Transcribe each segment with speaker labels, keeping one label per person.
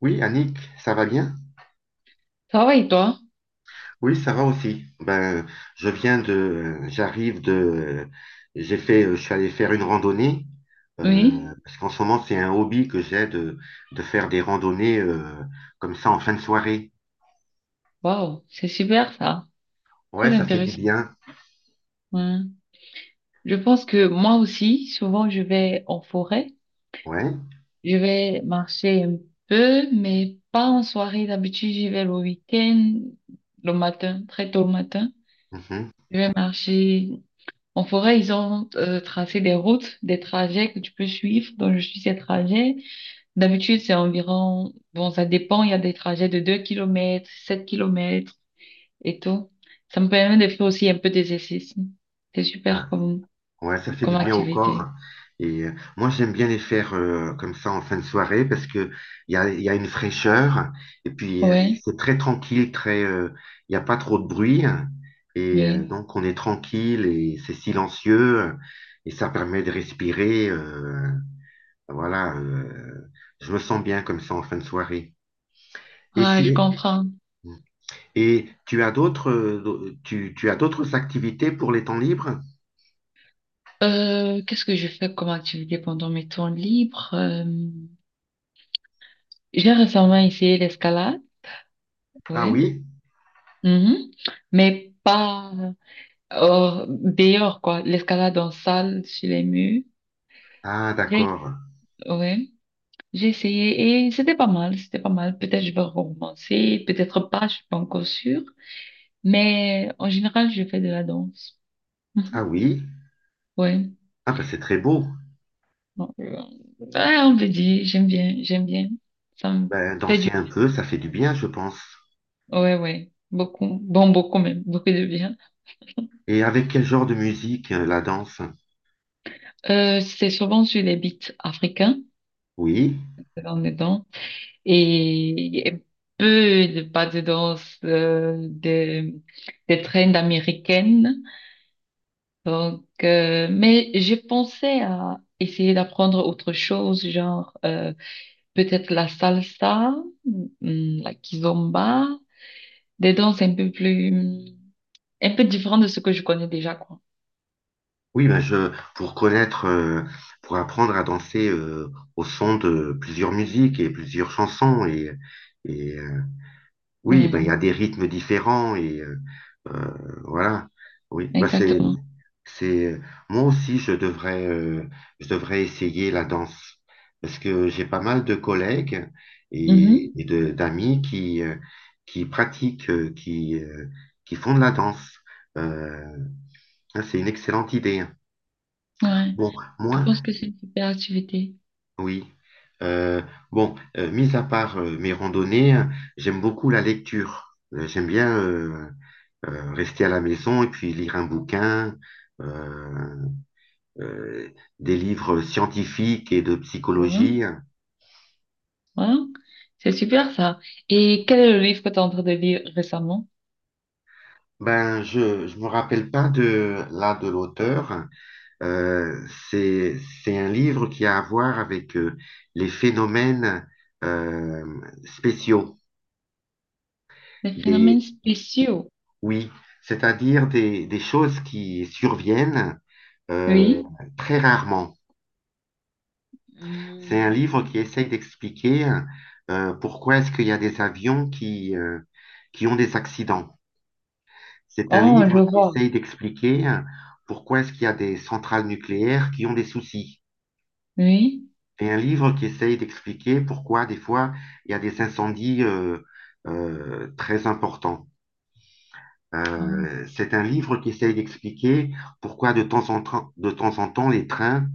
Speaker 1: Oui, Annick, ça va bien?
Speaker 2: Ça va et toi?
Speaker 1: Oui, ça va aussi. Ben, je viens de, j'arrive de, j'ai fait, je suis allé faire une randonnée
Speaker 2: Oui.
Speaker 1: parce qu'en ce moment c'est un hobby que de faire des randonnées comme ça en fin de soirée.
Speaker 2: Waouh, c'est super ça. Très
Speaker 1: Ouais, ça fait du
Speaker 2: intéressant.
Speaker 1: bien.
Speaker 2: Ouais. Je pense que moi aussi, souvent, je vais en forêt.
Speaker 1: Ouais.
Speaker 2: Je vais marcher un peu, mais pas en soirée. D'habitude, j'y vais le week-end, le matin, très tôt le matin.
Speaker 1: Mhm.
Speaker 2: Je vais marcher en forêt. Ils ont tracé des routes, des trajets que tu peux suivre. Donc, je suis ces trajets. D'habitude, c'est environ, bon, ça dépend. Il y a des trajets de 2 kilomètres, 7 kilomètres. Et tout. Ça me permet de faire aussi un peu d'exercice. C'est super comme,
Speaker 1: Ouais, ça fait du
Speaker 2: comme
Speaker 1: bien au
Speaker 2: activité.
Speaker 1: corps. Et moi, j'aime bien les faire comme ça en fin de soirée parce que il y a une fraîcheur et puis
Speaker 2: Ouais,
Speaker 1: c'est très tranquille, il n'y a pas trop de bruit. Et
Speaker 2: oui.
Speaker 1: donc, on est tranquille et c'est silencieux et ça permet de respirer. Voilà, euh, je me sens bien comme ça en fin de soirée. Et
Speaker 2: Ah, je
Speaker 1: si,
Speaker 2: comprends.
Speaker 1: Et tu as d'autres activités pour les temps libres?
Speaker 2: Qu'est-ce que je fais comme activité pendant mes temps libres? J'ai récemment essayé l'escalade,
Speaker 1: Ah
Speaker 2: ouais.
Speaker 1: oui?
Speaker 2: Mhm. Mais pas dehors, quoi. L'escalade en salle, sur les murs.
Speaker 1: Ah,
Speaker 2: J'ai,
Speaker 1: d'accord.
Speaker 2: ouais. J'ai essayé et c'était pas mal, c'était pas mal. Peut-être je vais recommencer, peut-être pas, je suis pas encore sûre. Mais en général, je fais de la danse. Mhm.
Speaker 1: Ah oui.
Speaker 2: Ouais.
Speaker 1: Ah ben c'est très beau.
Speaker 2: Donc, ouais, on peut dire, j'aime bien. Ça me
Speaker 1: Ben,
Speaker 2: fait du...
Speaker 1: danser un peu, ça fait du bien, je pense.
Speaker 2: Ouais, ouais. Beaucoup. Bon, beaucoup même. Beaucoup de bien.
Speaker 1: Et avec quel genre de musique, la danse?
Speaker 2: C'est souvent sur les beats africains,
Speaker 1: Oui,
Speaker 2: dans est danses et peu de pas de danse, des trends américaines. Donc, mais je pensais à essayer d'apprendre autre chose, genre... peut-être la salsa, mm, la kizomba, des danses un peu plus, un peu différentes de ce que je connais déjà, quoi.
Speaker 1: oui, ben je pour connaître, pour apprendre à danser au son de plusieurs musiques et plusieurs chansons. Et euh, oui, ben
Speaker 2: Ouais,
Speaker 1: il y a des rythmes différents et euh, voilà. Oui, ben c'est
Speaker 2: exactement.
Speaker 1: C'est moi aussi je devrais essayer la danse parce que j'ai pas mal de collègues
Speaker 2: Mhm.
Speaker 1: et de d'amis qui qui pratiquent, qui font de la danse. Euh, hein, c'est une excellente idée. Hein.
Speaker 2: Ouais,
Speaker 1: Bon,
Speaker 2: je
Speaker 1: moi,
Speaker 2: pense que c'est une super activité.
Speaker 1: oui. Euh, Mis à part mes randonnées, j'aime beaucoup la lecture. J'aime bien rester à la maison et puis lire un bouquin. Euh, euh, des livres scientifiques et de
Speaker 2: Ouais,
Speaker 1: psychologie.
Speaker 2: ouais. C'est super ça. Et quel est le livre que tu es en train de lire récemment?
Speaker 1: Ben, je me rappelle pas de l'auteur. Euh, c'est un livre qui a à voir avec les phénomènes euh, spéciaux.
Speaker 2: Les
Speaker 1: Des,
Speaker 2: phénomènes spéciaux.
Speaker 1: oui, c'est-à-dire des choses qui surviennent euh,
Speaker 2: Oui.
Speaker 1: très rarement. C'est un livre
Speaker 2: Hmm.
Speaker 1: qui essaye d'expliquer pourquoi est-ce qu'il y a des avions qui qui ont des accidents. C'est un
Speaker 2: Oh, je
Speaker 1: livre qui
Speaker 2: vois.
Speaker 1: essaye d'expliquer pourquoi est-ce qu'il y a des centrales nucléaires qui ont des soucis.
Speaker 2: Oui.
Speaker 1: Et un livre qui essaye d'expliquer pourquoi des fois il y a des incendies très importants.
Speaker 2: Wow.
Speaker 1: C'est un livre qui essaye d'expliquer pourquoi de temps en temps, de temps en temps les trains,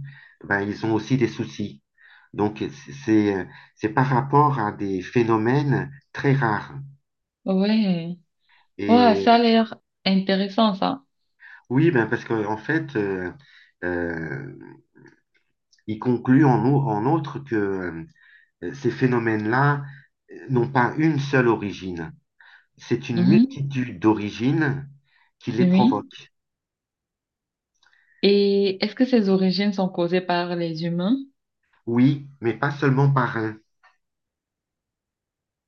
Speaker 1: ben, ils ont aussi des soucis. Donc c'est c'est par rapport à des phénomènes très rares.
Speaker 2: Ouais. Ouais,
Speaker 1: Et
Speaker 2: ça a l'air intéressant ça.
Speaker 1: oui, ben parce que en fait, euh, il conclut en outre que ces phénomènes-là n'ont pas une seule origine. C'est une
Speaker 2: Mhm.
Speaker 1: multitude d'origines qui les
Speaker 2: Oui.
Speaker 1: provoquent.
Speaker 2: Et est-ce que ces origines sont causées par les humains?
Speaker 1: Oui, mais pas seulement par un.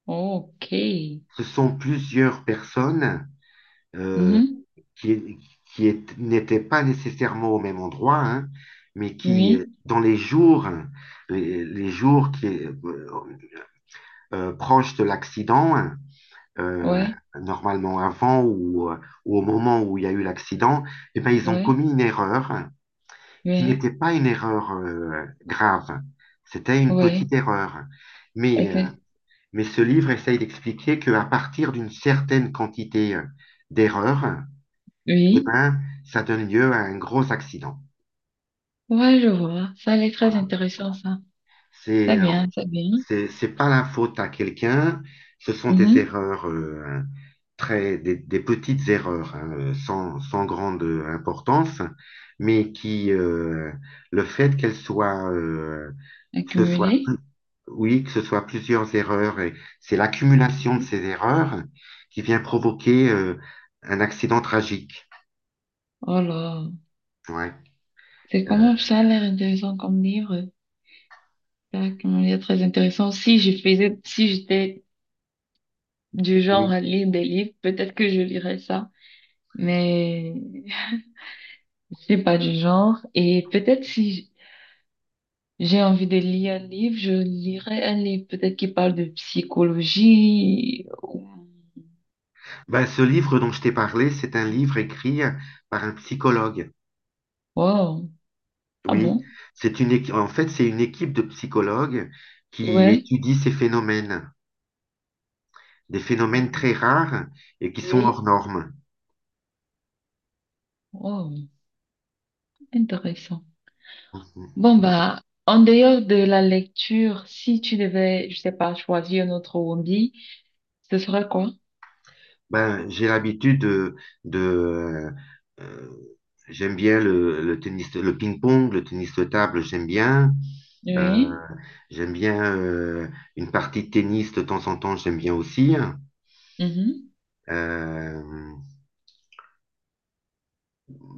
Speaker 2: Ok.
Speaker 1: Ce sont plusieurs personnes euh,
Speaker 2: Mhm.
Speaker 1: qui, n'étaient pas nécessairement au même endroit, hein, mais qui
Speaker 2: Oui,
Speaker 1: dans les jours, hein, les jours proches de l'accident, euh,
Speaker 2: ouais,
Speaker 1: normalement avant ou ou au moment où il y a eu l'accident, eh ben, ils ont
Speaker 2: ouais,
Speaker 1: commis une erreur qui
Speaker 2: ouais,
Speaker 1: n'était pas une erreur grave. C'était une
Speaker 2: ouais,
Speaker 1: petite erreur. Mais, euh,
Speaker 2: exact.
Speaker 1: mais ce livre essaye d'expliquer qu'à partir d'une certaine quantité d'erreurs, eh
Speaker 2: Oui,
Speaker 1: ben, ça donne lieu à un gros accident.
Speaker 2: ouais, je vois. Ça a l'air très
Speaker 1: Voilà.
Speaker 2: intéressant, ça. Très
Speaker 1: C'est, euh,
Speaker 2: bien, très bien.
Speaker 1: C'est pas la faute à quelqu'un, ce sont des
Speaker 2: Mhm.
Speaker 1: erreurs, des petites erreurs, hein, sans grande importance, mais qui, le fait qu'elles soient, euh, que ce
Speaker 2: Accumuler.
Speaker 1: soit, oui, que ce soit plusieurs erreurs, et c'est l'accumulation de ces
Speaker 2: Mhm.
Speaker 1: erreurs qui vient provoquer, un accident tragique.
Speaker 2: Oh là,
Speaker 1: Ouais.
Speaker 2: c'est
Speaker 1: Euh,
Speaker 2: comment ça a l'air intéressant comme livre? Ça a l'air très intéressant. Si je faisais, si j'étais du
Speaker 1: oui.
Speaker 2: genre à lire des livres, peut-être que je lirais ça. Mais je suis pas du genre. Et peut-être si j'ai envie de lire un livre, je lirai un livre peut-être qui parle de psychologie.
Speaker 1: Ben, ce livre dont je t'ai parlé, c'est un livre écrit par un psychologue.
Speaker 2: Wow. Ah
Speaker 1: Oui,
Speaker 2: bon?
Speaker 1: c'est en fait, c'est une équipe de psychologues qui
Speaker 2: Ouais.
Speaker 1: étudie ces phénomènes, des phénomènes très rares et qui sont
Speaker 2: Oui.
Speaker 1: hors normes.
Speaker 2: Wow. Intéressant.
Speaker 1: Mhm.
Speaker 2: Bon, bah, en dehors de la lecture, si tu devais, je sais pas, choisir un autre hobby, ce serait quoi?
Speaker 1: Ben, j'ai l'habitude de, euh, j'aime bien le tennis, le ping-pong, le tennis de table, j'aime bien. Euh,
Speaker 2: Oui.
Speaker 1: J'aime bien une partie de tennis de temps en temps, j'aime bien aussi.
Speaker 2: Mhm.
Speaker 1: Euh,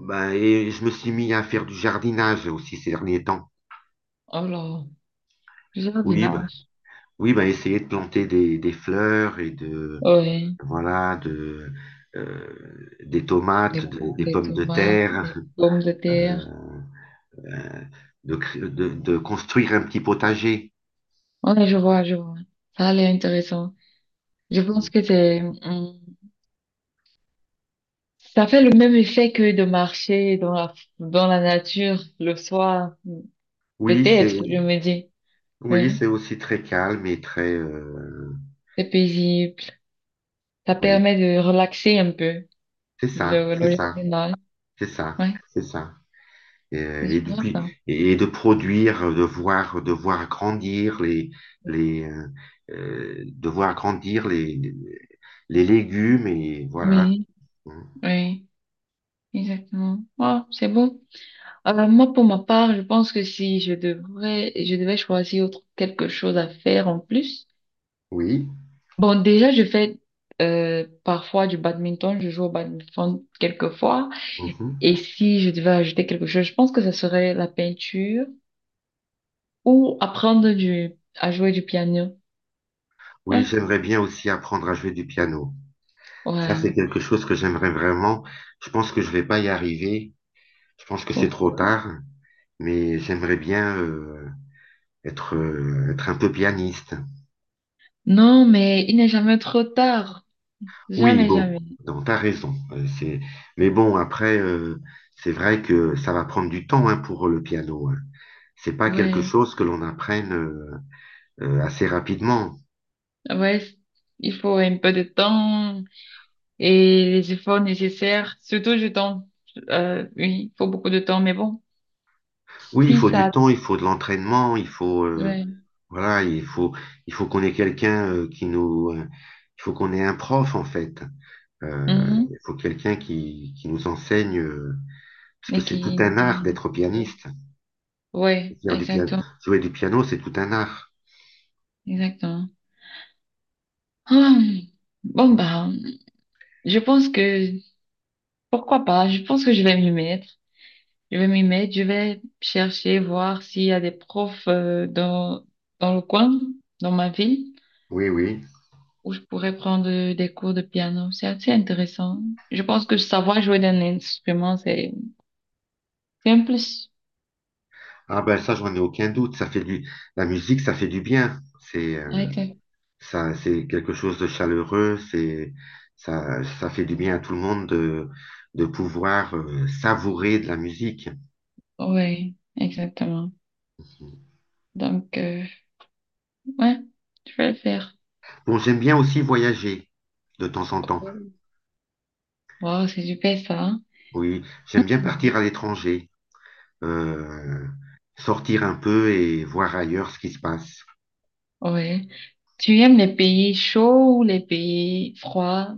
Speaker 1: ben, et je me suis mis à faire du jardinage aussi ces derniers temps.
Speaker 2: Alors,
Speaker 1: Oui, ben,
Speaker 2: jardinage.
Speaker 1: oui, bah, essayer de planter des fleurs et
Speaker 2: Oui.
Speaker 1: voilà, de, des
Speaker 2: Des,
Speaker 1: tomates, des
Speaker 2: des
Speaker 1: pommes de
Speaker 2: tomates,
Speaker 1: terre,
Speaker 2: des pommes de
Speaker 1: euh,
Speaker 2: terre.
Speaker 1: euh, de construire un petit potager.
Speaker 2: Ouais, je vois, je vois. Ça a l'air intéressant. Je pense que c'est, ça fait le même effet que de marcher dans la nature le soir.
Speaker 1: Oui, c'est,
Speaker 2: Peut-être, je me dis.
Speaker 1: oui,
Speaker 2: Oui,
Speaker 1: c'est aussi très calme et très,
Speaker 2: c'est paisible. Ça
Speaker 1: oui,
Speaker 2: permet de relaxer un peu
Speaker 1: c'est ça, c'est
Speaker 2: le
Speaker 1: ça,
Speaker 2: jardinage.
Speaker 1: c'est ça,
Speaker 2: Ouais,
Speaker 1: c'est ça.
Speaker 2: c'est
Speaker 1: Et
Speaker 2: super
Speaker 1: depuis,
Speaker 2: ça.
Speaker 1: et de produire, de voir grandir les, de voir grandir les légumes et voilà.
Speaker 2: Oui, oui, exactement. Oh, c'est bon. Alors, moi, pour ma part, je pense que si je devrais, je devais choisir autre, quelque chose à faire en plus.
Speaker 1: Oui,
Speaker 2: Bon, déjà, je fais parfois du badminton. Je joue au badminton quelquefois.
Speaker 1: mhm.
Speaker 2: Et si je devais ajouter quelque chose, je pense que ça serait la peinture ou apprendre du, à jouer du piano.
Speaker 1: Oui,
Speaker 2: Ouais,
Speaker 1: j'aimerais bien aussi apprendre à jouer du piano. Ça, c'est
Speaker 2: ouais.
Speaker 1: quelque chose que j'aimerais vraiment. Je pense que je vais pas y arriver. Je pense que c'est trop
Speaker 2: Pourquoi?
Speaker 1: tard, mais j'aimerais bien être, être un peu pianiste.
Speaker 2: Non, mais il n'est jamais trop tard.
Speaker 1: Oui,
Speaker 2: Jamais,
Speaker 1: bon,
Speaker 2: jamais.
Speaker 1: non, t'as raison. C'est... Mais bon, c'est vrai que ça va prendre du temps hein, pour le piano. Hein. C'est pas quelque
Speaker 2: Ouais,
Speaker 1: chose que l'on apprenne assez rapidement.
Speaker 2: ouais. c- Il faut un peu de temps et les efforts nécessaires, surtout du temps. Oui, il faut beaucoup de temps, mais bon,
Speaker 1: Oui, il
Speaker 2: si
Speaker 1: faut du
Speaker 2: ça,
Speaker 1: temps, il faut de l'entraînement, il faut
Speaker 2: ouais.
Speaker 1: voilà, il faut qu'on ait quelqu'un qui nous il faut qu'on ait un prof en fait.
Speaker 2: Mhm.
Speaker 1: Il faut quelqu'un qui nous enseigne parce que
Speaker 2: Et
Speaker 1: c'est tout
Speaker 2: qui nous
Speaker 1: un art
Speaker 2: guide.
Speaker 1: d'être
Speaker 2: Etc.
Speaker 1: pianiste.
Speaker 2: Ouais,
Speaker 1: Faire du piano,
Speaker 2: exactement,
Speaker 1: jouer du piano, c'est tout un art.
Speaker 2: exactement. Ah, bon, bah. Je pense que, pourquoi pas, je pense que je vais m'y mettre. Je vais m'y mettre, je vais chercher, voir s'il y a des profs dans, dans le coin, dans ma ville,
Speaker 1: Oui, oui.
Speaker 2: où je pourrais prendre des cours de piano. C'est assez intéressant. Je pense que savoir jouer d'un instrument, c'est un plus.
Speaker 1: Ah ben ça, j'en ai aucun doute. La musique, ça fait du bien.
Speaker 2: Exact.
Speaker 1: C'est quelque chose de chaleureux. Ça fait du bien à tout le monde de pouvoir savourer de la musique.
Speaker 2: Oui, exactement. Donc, ouais, je vais le faire.
Speaker 1: Bon, j'aime bien aussi voyager de temps en temps.
Speaker 2: Wow, c'est super ça.
Speaker 1: Oui, j'aime bien
Speaker 2: Mhm.
Speaker 1: partir à l'étranger, euh, sortir un peu et voir ailleurs ce qui se passe.
Speaker 2: Ouais. Tu aimes les pays chauds ou les pays froids?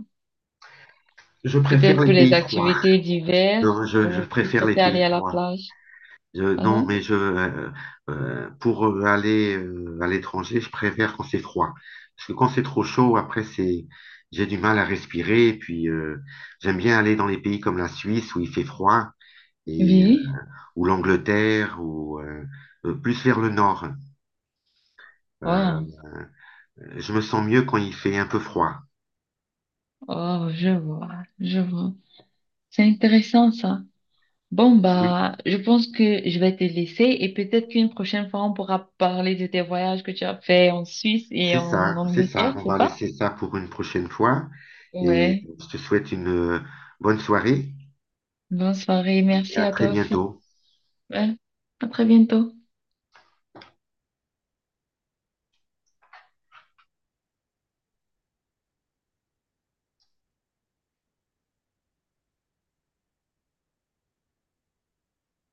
Speaker 1: Je préfère
Speaker 2: Peut-être
Speaker 1: les
Speaker 2: pour les
Speaker 1: pays froids.
Speaker 2: activités diverses
Speaker 1: Non, je
Speaker 2: ou tu
Speaker 1: préfère les
Speaker 2: préfères aller
Speaker 1: pays
Speaker 2: à la
Speaker 1: froids.
Speaker 2: plage.
Speaker 1: Non,
Speaker 2: Pardon?
Speaker 1: mais pour aller à l'étranger, je préfère quand c'est froid. Parce que quand c'est trop chaud, j'ai du mal à respirer. Et puis, j'aime bien aller dans les pays comme la Suisse où il fait froid, et, euh,
Speaker 2: Oui.
Speaker 1: ou l'Angleterre, ou plus vers le nord. Euh,
Speaker 2: Ouais.
Speaker 1: je me sens mieux quand il fait un peu froid.
Speaker 2: Oh, je vois. Je vois. C'est intéressant ça. Bon,
Speaker 1: Oui,
Speaker 2: bah, je pense que je vais te laisser et peut-être qu'une prochaine fois, on pourra parler de tes voyages que tu as fait en Suisse et en
Speaker 1: c'est
Speaker 2: Angleterre,
Speaker 1: ça. On
Speaker 2: c'est
Speaker 1: va
Speaker 2: ça?
Speaker 1: laisser ça pour une prochaine fois. Et
Speaker 2: Ouais.
Speaker 1: je te souhaite une bonne soirée
Speaker 2: Bonne soirée.
Speaker 1: et
Speaker 2: Merci
Speaker 1: à
Speaker 2: à
Speaker 1: très
Speaker 2: toi aussi.
Speaker 1: bientôt.
Speaker 2: Ouais. À très bientôt.